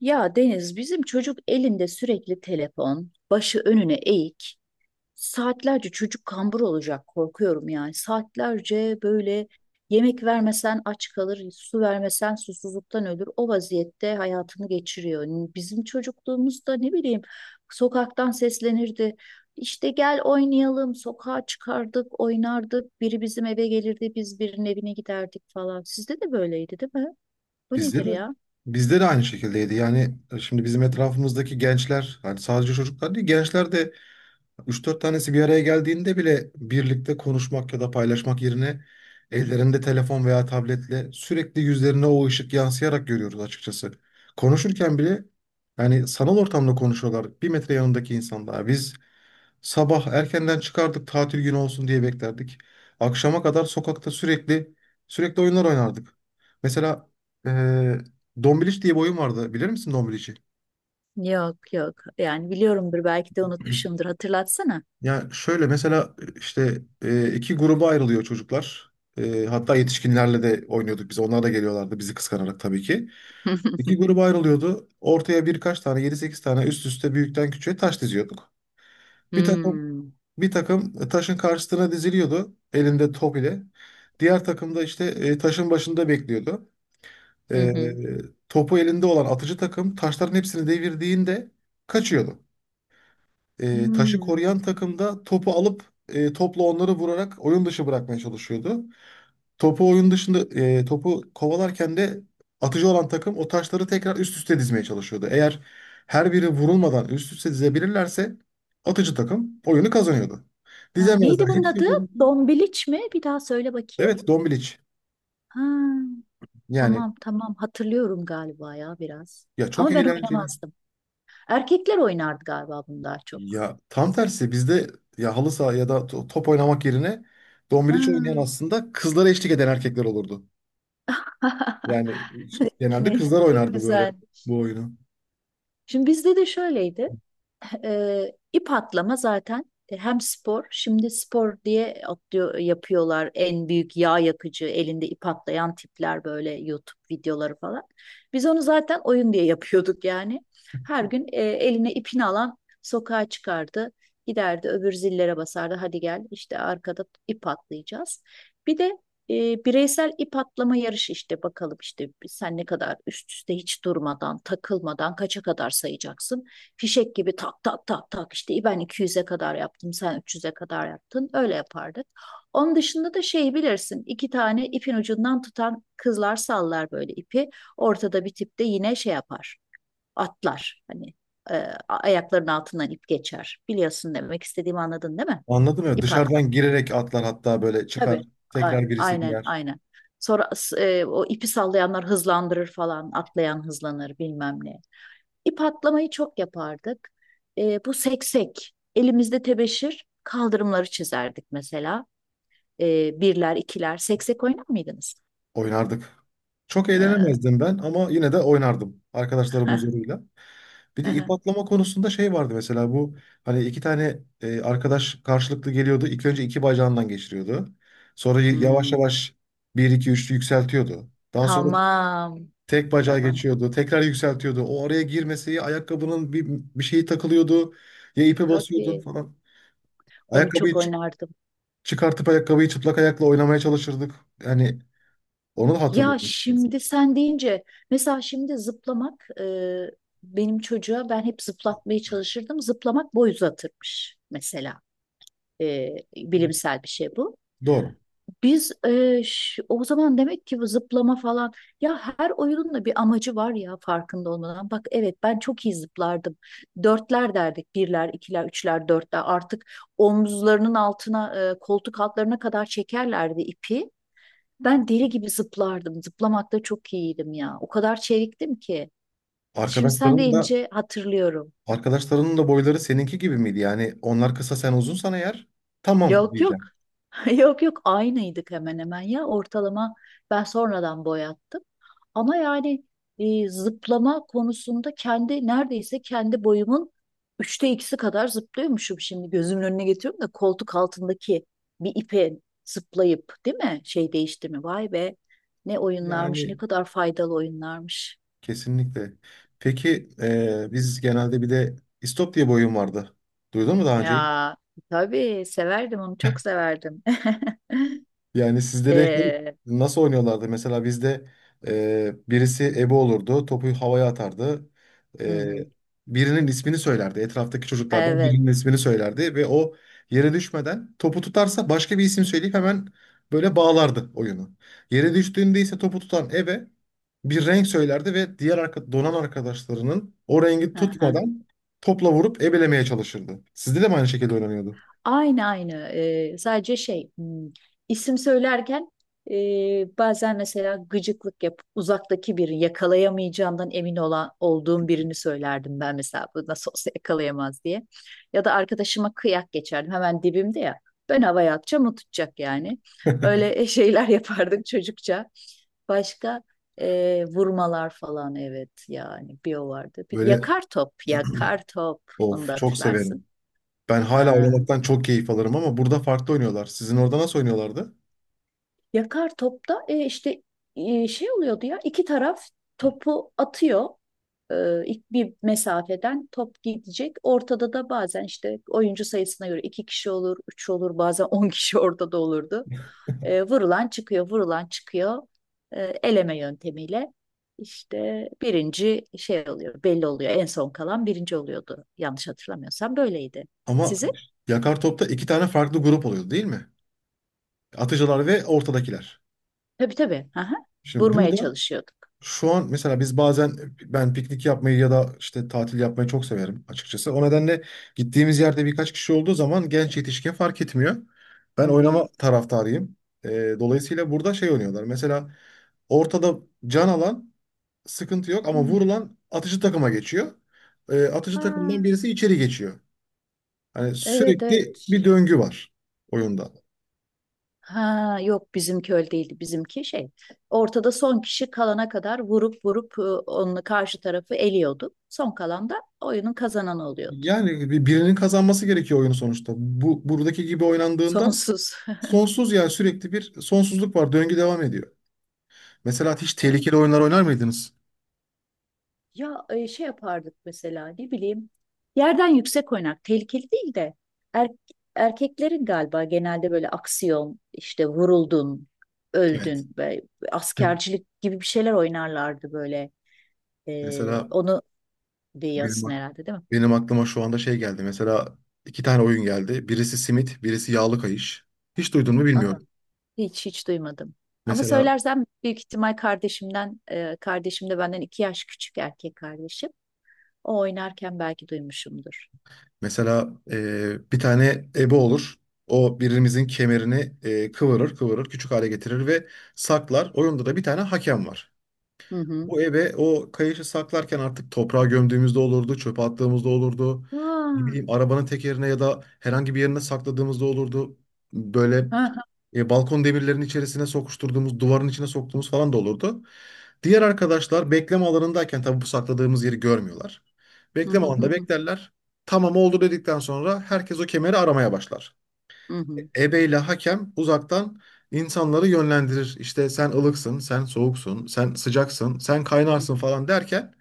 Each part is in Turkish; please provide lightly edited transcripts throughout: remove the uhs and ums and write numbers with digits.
Ya Deniz, bizim çocuk elinde sürekli telefon, başı önüne eğik. Saatlerce çocuk kambur olacak korkuyorum yani. Saatlerce böyle yemek vermesen aç kalır, su vermesen susuzluktan ölür. O vaziyette hayatını geçiriyor. Bizim çocukluğumuzda ne bileyim sokaktan seslenirdi. İşte gel oynayalım. Sokağa çıkardık, oynardık. Biri bizim eve gelirdi, biz birinin evine giderdik falan. Sizde de böyleydi, değil mi? Bu Bizde nedir de ya? bizde de aynı şekildeydi. Şimdi bizim etrafımızdaki gençler, hani sadece çocuklar değil, gençler de üç dört tanesi bir araya geldiğinde bile birlikte konuşmak ya da paylaşmak yerine ellerinde telefon veya tabletle sürekli yüzlerine o ışık yansıyarak görüyoruz açıkçası. Konuşurken bile yani sanal ortamda konuşuyorlar. 1 metre yanındaki insan daha. Biz sabah erkenden çıkardık tatil günü olsun diye beklerdik. Akşama kadar sokakta sürekli oyunlar oynardık. Mesela eee Dombiliç diye bir oyun vardı. Bilir misin Dombiliç'i? Yok yok. Yani biliyorumdur belki de unutmuşumdur. Hatırlatsana. Yani şöyle mesela iki gruba ayrılıyor çocuklar. Hatta yetişkinlerle de oynuyorduk biz. Onlar da geliyorlardı bizi kıskanarak tabii ki. İki gruba ayrılıyordu. Ortaya birkaç tane, yedi sekiz tane, üst üste büyükten küçüğe taş diziyorduk. Bir takım Hmm. Taşın karşısına diziliyordu elinde top ile. Diğer takım da taşın başında bekliyordu. Hı E, hı. Topu elinde olan atıcı takım taşların hepsini devirdiğinde kaçıyordu. Taşı Hmm. koruyan takım da topu alıp topla onları vurarak oyun dışı bırakmaya çalışıyordu. Topu oyun dışında e, Topu kovalarken de atıcı olan takım o taşları tekrar üst üste dizmeye çalışıyordu. Eğer her biri vurulmadan üst üste dizebilirlerse atıcı takım oyunu kazanıyordu. Ya, Dizemezler. neydi bunun adı? Hepsi vuruldu. Dombiliç mi? Bir daha söyle bakayım. Evet, Dombiliç. Ha, Yani tamam tamam hatırlıyorum galiba ya biraz. ya çok Ama ben eğlenceli. oynamazdım. Erkekler oynardı galiba bunu daha çok. Ya tam tersi bizde ya halı saha ya da top oynamak yerine Ha. Dombiliç oynayan aslında kızlara eşlik eden erkekler olurdu. Yani genelde Hani kızlar çok oynardı böyle güzel. bu oyunu. Şimdi bizde de şöyleydi. E, ip atlama zaten, hem spor, şimdi spor diye atlıyor, yapıyorlar en büyük yağ yakıcı, elinde ip atlayan tipler böyle YouTube videoları falan. Biz onu zaten oyun diye yapıyorduk yani. Her gün eline ipini alan sokağa çıkardı, giderdi öbür zillere basardı, hadi gel işte arkada ip atlayacağız. Bir de bireysel ip atlama yarışı işte bakalım işte sen ne kadar üst üste hiç durmadan, takılmadan kaça kadar sayacaksın? Fişek gibi tak tak tak tak işte ben 200'e kadar yaptım, sen 300'e kadar yaptın, öyle yapardık. Onun dışında da şeyi bilirsin, iki tane ipin ucundan tutan kızlar sallar böyle ipi, ortada bir tip de yine şey yapar, atlar hani, e, ayaklarının altından ip geçer, biliyorsun demek istediğimi, anladın değil mi? Anladım ya. İp attım Dışarıdan girerek atlar hatta böyle çıkar. tabii. A- Tekrar birisi aynen girer. aynen. Sonra o ipi sallayanlar hızlandırır falan, atlayan hızlanır bilmem ne. İp atlamayı çok yapardık. Bu seksek. Elimizde tebeşir kaldırımları çizerdik mesela. Birler, ikiler. Seksek oynar mıydınız? Oynardık. Çok E, eğlenemezdim ben ama yine de oynardım arkadaşlarım huzuruyla. Bir de ip atlama konusunda şey vardı mesela, bu hani iki tane arkadaş karşılıklı geliyordu. İlk önce iki bacağından geçiriyordu. Sonra yavaş hmm. yavaş bir iki üçlü yükseltiyordu. Daha sonra Tamam. tek bacağı Tamam. geçiyordu. Tekrar yükseltiyordu. O araya girmesi ya ayakkabının bir, bir şeyi takılıyordu ya ipe basıyordun Tabii. falan. Onu Ayakkabıyı çok oynardım. çıkartıp ayakkabıyı çıplak ayakla oynamaya çalışırdık. Yani onu da Ya hatırlıyorum. şimdi sen deyince, mesela şimdi zıplamak, benim çocuğa ben hep zıplatmaya çalışırdım. Zıplamak boy uzatırmış mesela. E, bilimsel bir şey bu. Doğru. Biz o zaman demek ki, bu zıplama falan, ya her oyunun da bir amacı var ya, farkında olmadan. Bak evet, ben çok iyi zıplardım. Dörtler derdik. Birler, ikiler, üçler, dörtler. Artık omuzlarının altına, koltuk altlarına kadar çekerlerdi ipi. Ben deli gibi zıplardım. Zıplamakta çok iyiydim ya. O kadar çeviktim ki. Şimdi sen Arkadaşların da deyince hatırlıyorum. Arkadaşlarının da boyları seninki gibi miydi? Yani onlar kısa sen uzunsan eğer tamam Yok yok. diyeceğim. Yok yok, aynıydık hemen hemen ya, ortalama, ben sonradan boyattım. Ama yani zıplama konusunda kendi neredeyse kendi boyumun üçte ikisi kadar zıplıyormuşum, şimdi gözümün önüne getiriyorum da, koltuk altındaki bir ipe zıplayıp, değil mi, şey değişti mi, vay be, ne oyunlarmış, ne Yani kadar faydalı oyunlarmış. kesinlikle. Peki biz genelde bir de istop diye bir oyun vardı. Duydun mu daha önce? Ya tabii severdim, onu çok severdim. Yani sizde de şey, Ee, nasıl oynuyorlardı? Mesela bizde birisi ebe olurdu, topu havaya atardı. hı E, hı, Birinin ismini söylerdi. Etraftaki çocuklardan evet. birinin ismini söylerdi ve o yere düşmeden topu tutarsa başka bir isim söyleyip hemen böyle bağlardı oyunu. Yere düştüğünde ise topu tutan ebe bir renk söylerdi ve diğer arka, donan arkadaşlarının o rengi tutmadan topla vurup ebelemeye çalışırdı. Sizde de mi aynı şekilde oynanıyordu? Aynı aynı. Sadece şey, isim söylerken, e, bazen mesela gıcıklık yapıp uzaktaki biri, yakalayamayacağından emin olan olduğum birini söylerdim ben mesela, bu nasıl olsa yakalayamaz diye. Ya da arkadaşıma kıyak geçerdim, hemen dibimde ya. Ben havaya atacağım, o tutacak yani. Öyle şeyler yapardık çocukça. Başka vurmalar falan, evet yani bir o vardı. Bir, Böyle, yakar top, yakar top, onu da of, çok hatırlarsın. severim. Ben hala oynamaktan çok keyif alırım ama burada farklı oynuyorlar. Sizin orada nasıl oynuyorlardı? Yakar topta şey oluyordu ya, iki taraf topu atıyor, ilk bir mesafeden top gidecek. Ortada da bazen, işte oyuncu sayısına göre iki kişi olur, üç olur, bazen 10 kişi ortada olurdu. Vurulan çıkıyor, vurulan çıkıyor. Eleme yöntemiyle işte birinci şey oluyor, belli oluyor. En son kalan birinci oluyordu. Yanlış hatırlamıyorsam böyleydi. Ama Sizin? yakar topta iki tane farklı grup oluyordu değil mi? Atıcılar ve ortadakiler. Tabii tabii. Aha. Şimdi Vurmaya burada çalışıyorduk. şu an mesela biz bazen, ben piknik yapmayı ya da işte tatil yapmayı çok severim açıkçası. O nedenle gittiğimiz yerde birkaç kişi olduğu zaman genç yetişkin fark etmiyor. Hı Ben oynama hı. taraftarıyım. Dolayısıyla burada şey oynuyorlar. Mesela ortada can alan sıkıntı yok ama vurulan atıcı takıma geçiyor. Atıcı takımdan Hmm. birisi içeri geçiyor. Hani Evet sürekli bir evet. döngü var oyunda. Ha yok, bizimki öyle değildi. Bizimki şey, ortada son kişi kalana kadar vurup vurup onun karşı tarafı eliyordu. Son kalan da oyunun kazananı oluyordu. Yani birinin kazanması gerekiyor oyunu sonuçta. Bu buradaki gibi oynandığında Sonsuz. sonsuz, yani sürekli bir sonsuzluk var. Döngü devam ediyor. Mesela hiç Evet. tehlikeli oyunlar oynar mıydınız? Ya şey yapardık mesela, ne bileyim yerden yüksek oynak, tehlikeli değil de er- erkeklerin galiba genelde böyle aksiyon, işte vuruldun, Evet. öldün ve Heh. askercilik gibi bir şeyler oynarlardı böyle. E, Mesela onu benim, diyorsun ak- herhalde, değil mi? benim aklıma şu anda şey geldi. Mesela iki tane oyun geldi. Birisi simit, birisi yağlı kayış. Hiç duydun mu Aa. bilmiyorum. Hiç hiç duymadım. Ama Mesela söylersem büyük ihtimal kardeşimden, kardeşim de benden 2 yaş küçük erkek kardeşim. O oynarken belki duymuşumdur. Mesela bir tane ebe olur. O birimizin kemerini kıvırır, kıvırır, küçük hale getirir ve saklar. Oyunda da bir tane hakem var. Hı hı. Bu eve o kayışı saklarken artık toprağa gömdüğümüzde olurdu, çöpe attığımızda olurdu. Aa, Ne bileyim arabanın tekerine ya da herhangi bir yerine sakladığımızda olurdu. Böyle ha, ha. Balkon demirlerinin içerisine sokuşturduğumuz, duvarın içine soktuğumuz falan da olurdu. Diğer arkadaşlar bekleme alanındayken tabii bu sakladığımız yeri görmüyorlar. Hı hı Bekleme hı alanında hı. beklerler. Tamam oldu dedikten sonra herkes o kemeri aramaya başlar, Hı hı. ebeyle hakem uzaktan insanları yönlendirir. İşte sen ılıksın, sen soğuksun, sen sıcaksın, sen kaynarsın falan derken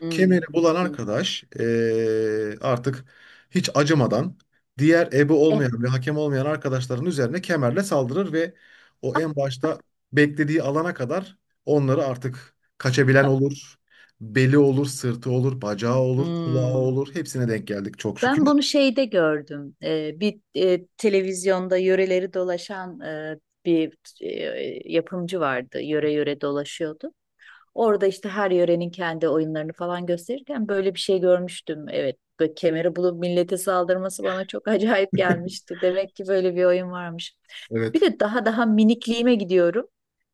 Hı kemeri bulan hı. arkadaş artık hiç acımadan diğer ebe E, olmayan ve hakem olmayan arkadaşların üzerine kemerle saldırır ve o en başta beklediği alana kadar onları, artık kaçabilen ah. olur. Beli olur, sırtı olur, bacağı olur, kulağı Hmm. olur. Hepsine denk geldik çok şükür. Ben bunu şeyde gördüm. Bir televizyonda yöreleri dolaşan bir yapımcı vardı. Yöre yöre dolaşıyordu. Orada işte her yörenin kendi oyunlarını falan gösterirken böyle bir şey görmüştüm. Evet, böyle kemeri bulup millete saldırması bana çok acayip gelmişti. Demek ki böyle bir oyun varmış. Bir Evet. de daha daha minikliğime gidiyorum.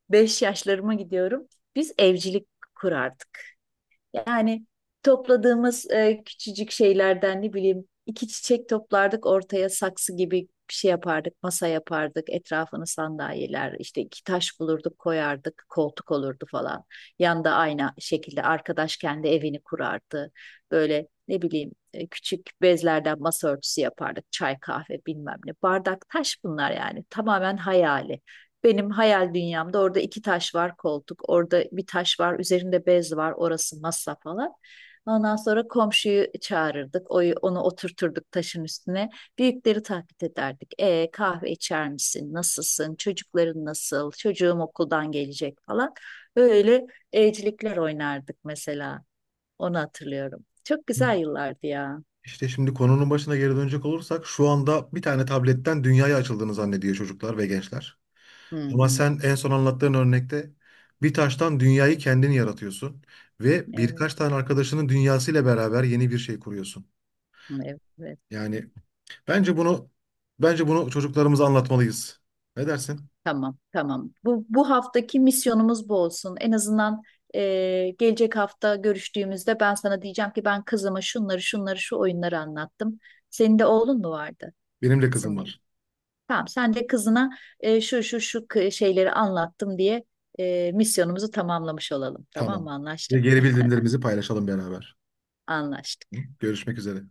5 yaşlarıma gidiyorum. Biz evcilik kurardık. Yani topladığımız küçücük şeylerden, ne bileyim iki çiçek toplardık ortaya, saksı gibi bir şey yapardık, masa yapardık, etrafını sandalyeler, işte iki taş bulurduk koyardık, koltuk olurdu falan. Yanda aynı şekilde arkadaş kendi evini kurardı. Böyle ne bileyim küçük bezlerden masa örtüsü yapardık, çay kahve bilmem ne. Bardak taş, bunlar yani tamamen hayali. Benim hayal dünyamda orada iki taş var koltuk, orada bir taş var, üzerinde bez var, orası masa falan. Ondan sonra komşuyu çağırırdık, onu oturturduk taşın üstüne. Büyükleri taklit ederdik. Kahve içer misin? Nasılsın? Çocukların nasıl? Çocuğum okuldan gelecek falan. Böyle evcilikler oynardık mesela. Onu hatırlıyorum. Çok güzel yıllardı ya. İşte şimdi konunun başına geri dönecek olursak, şu anda bir tane tabletten dünyaya açıldığını zannediyor çocuklar ve gençler. Hı Ama hı. sen en son anlattığın örnekte bir taştan dünyayı kendini yaratıyorsun ve Evet. birkaç tane arkadaşının dünyasıyla beraber yeni bir şey kuruyorsun. Evet. Yani bence bunu bence bunu çocuklarımıza anlatmalıyız. Ne dersin? Tamam, tamam. Bu haftaki misyonumuz bu olsun. En azından gelecek hafta görüştüğümüzde ben sana diyeceğim ki ben kızıma şunları, şunları, şu oyunları anlattım. Senin de oğlun mu vardı? Benim de Kızın kızım mıydı? var. Tamam, sen de kızına şu, şu, şu şeyleri anlattım diye misyonumuzu tamamlamış olalım. Tamam Tamam. mı? Ve Anlaştık mı? geri bildirimlerimizi paylaşalım beraber. Hı? Anlaştık. Görüşmek üzere.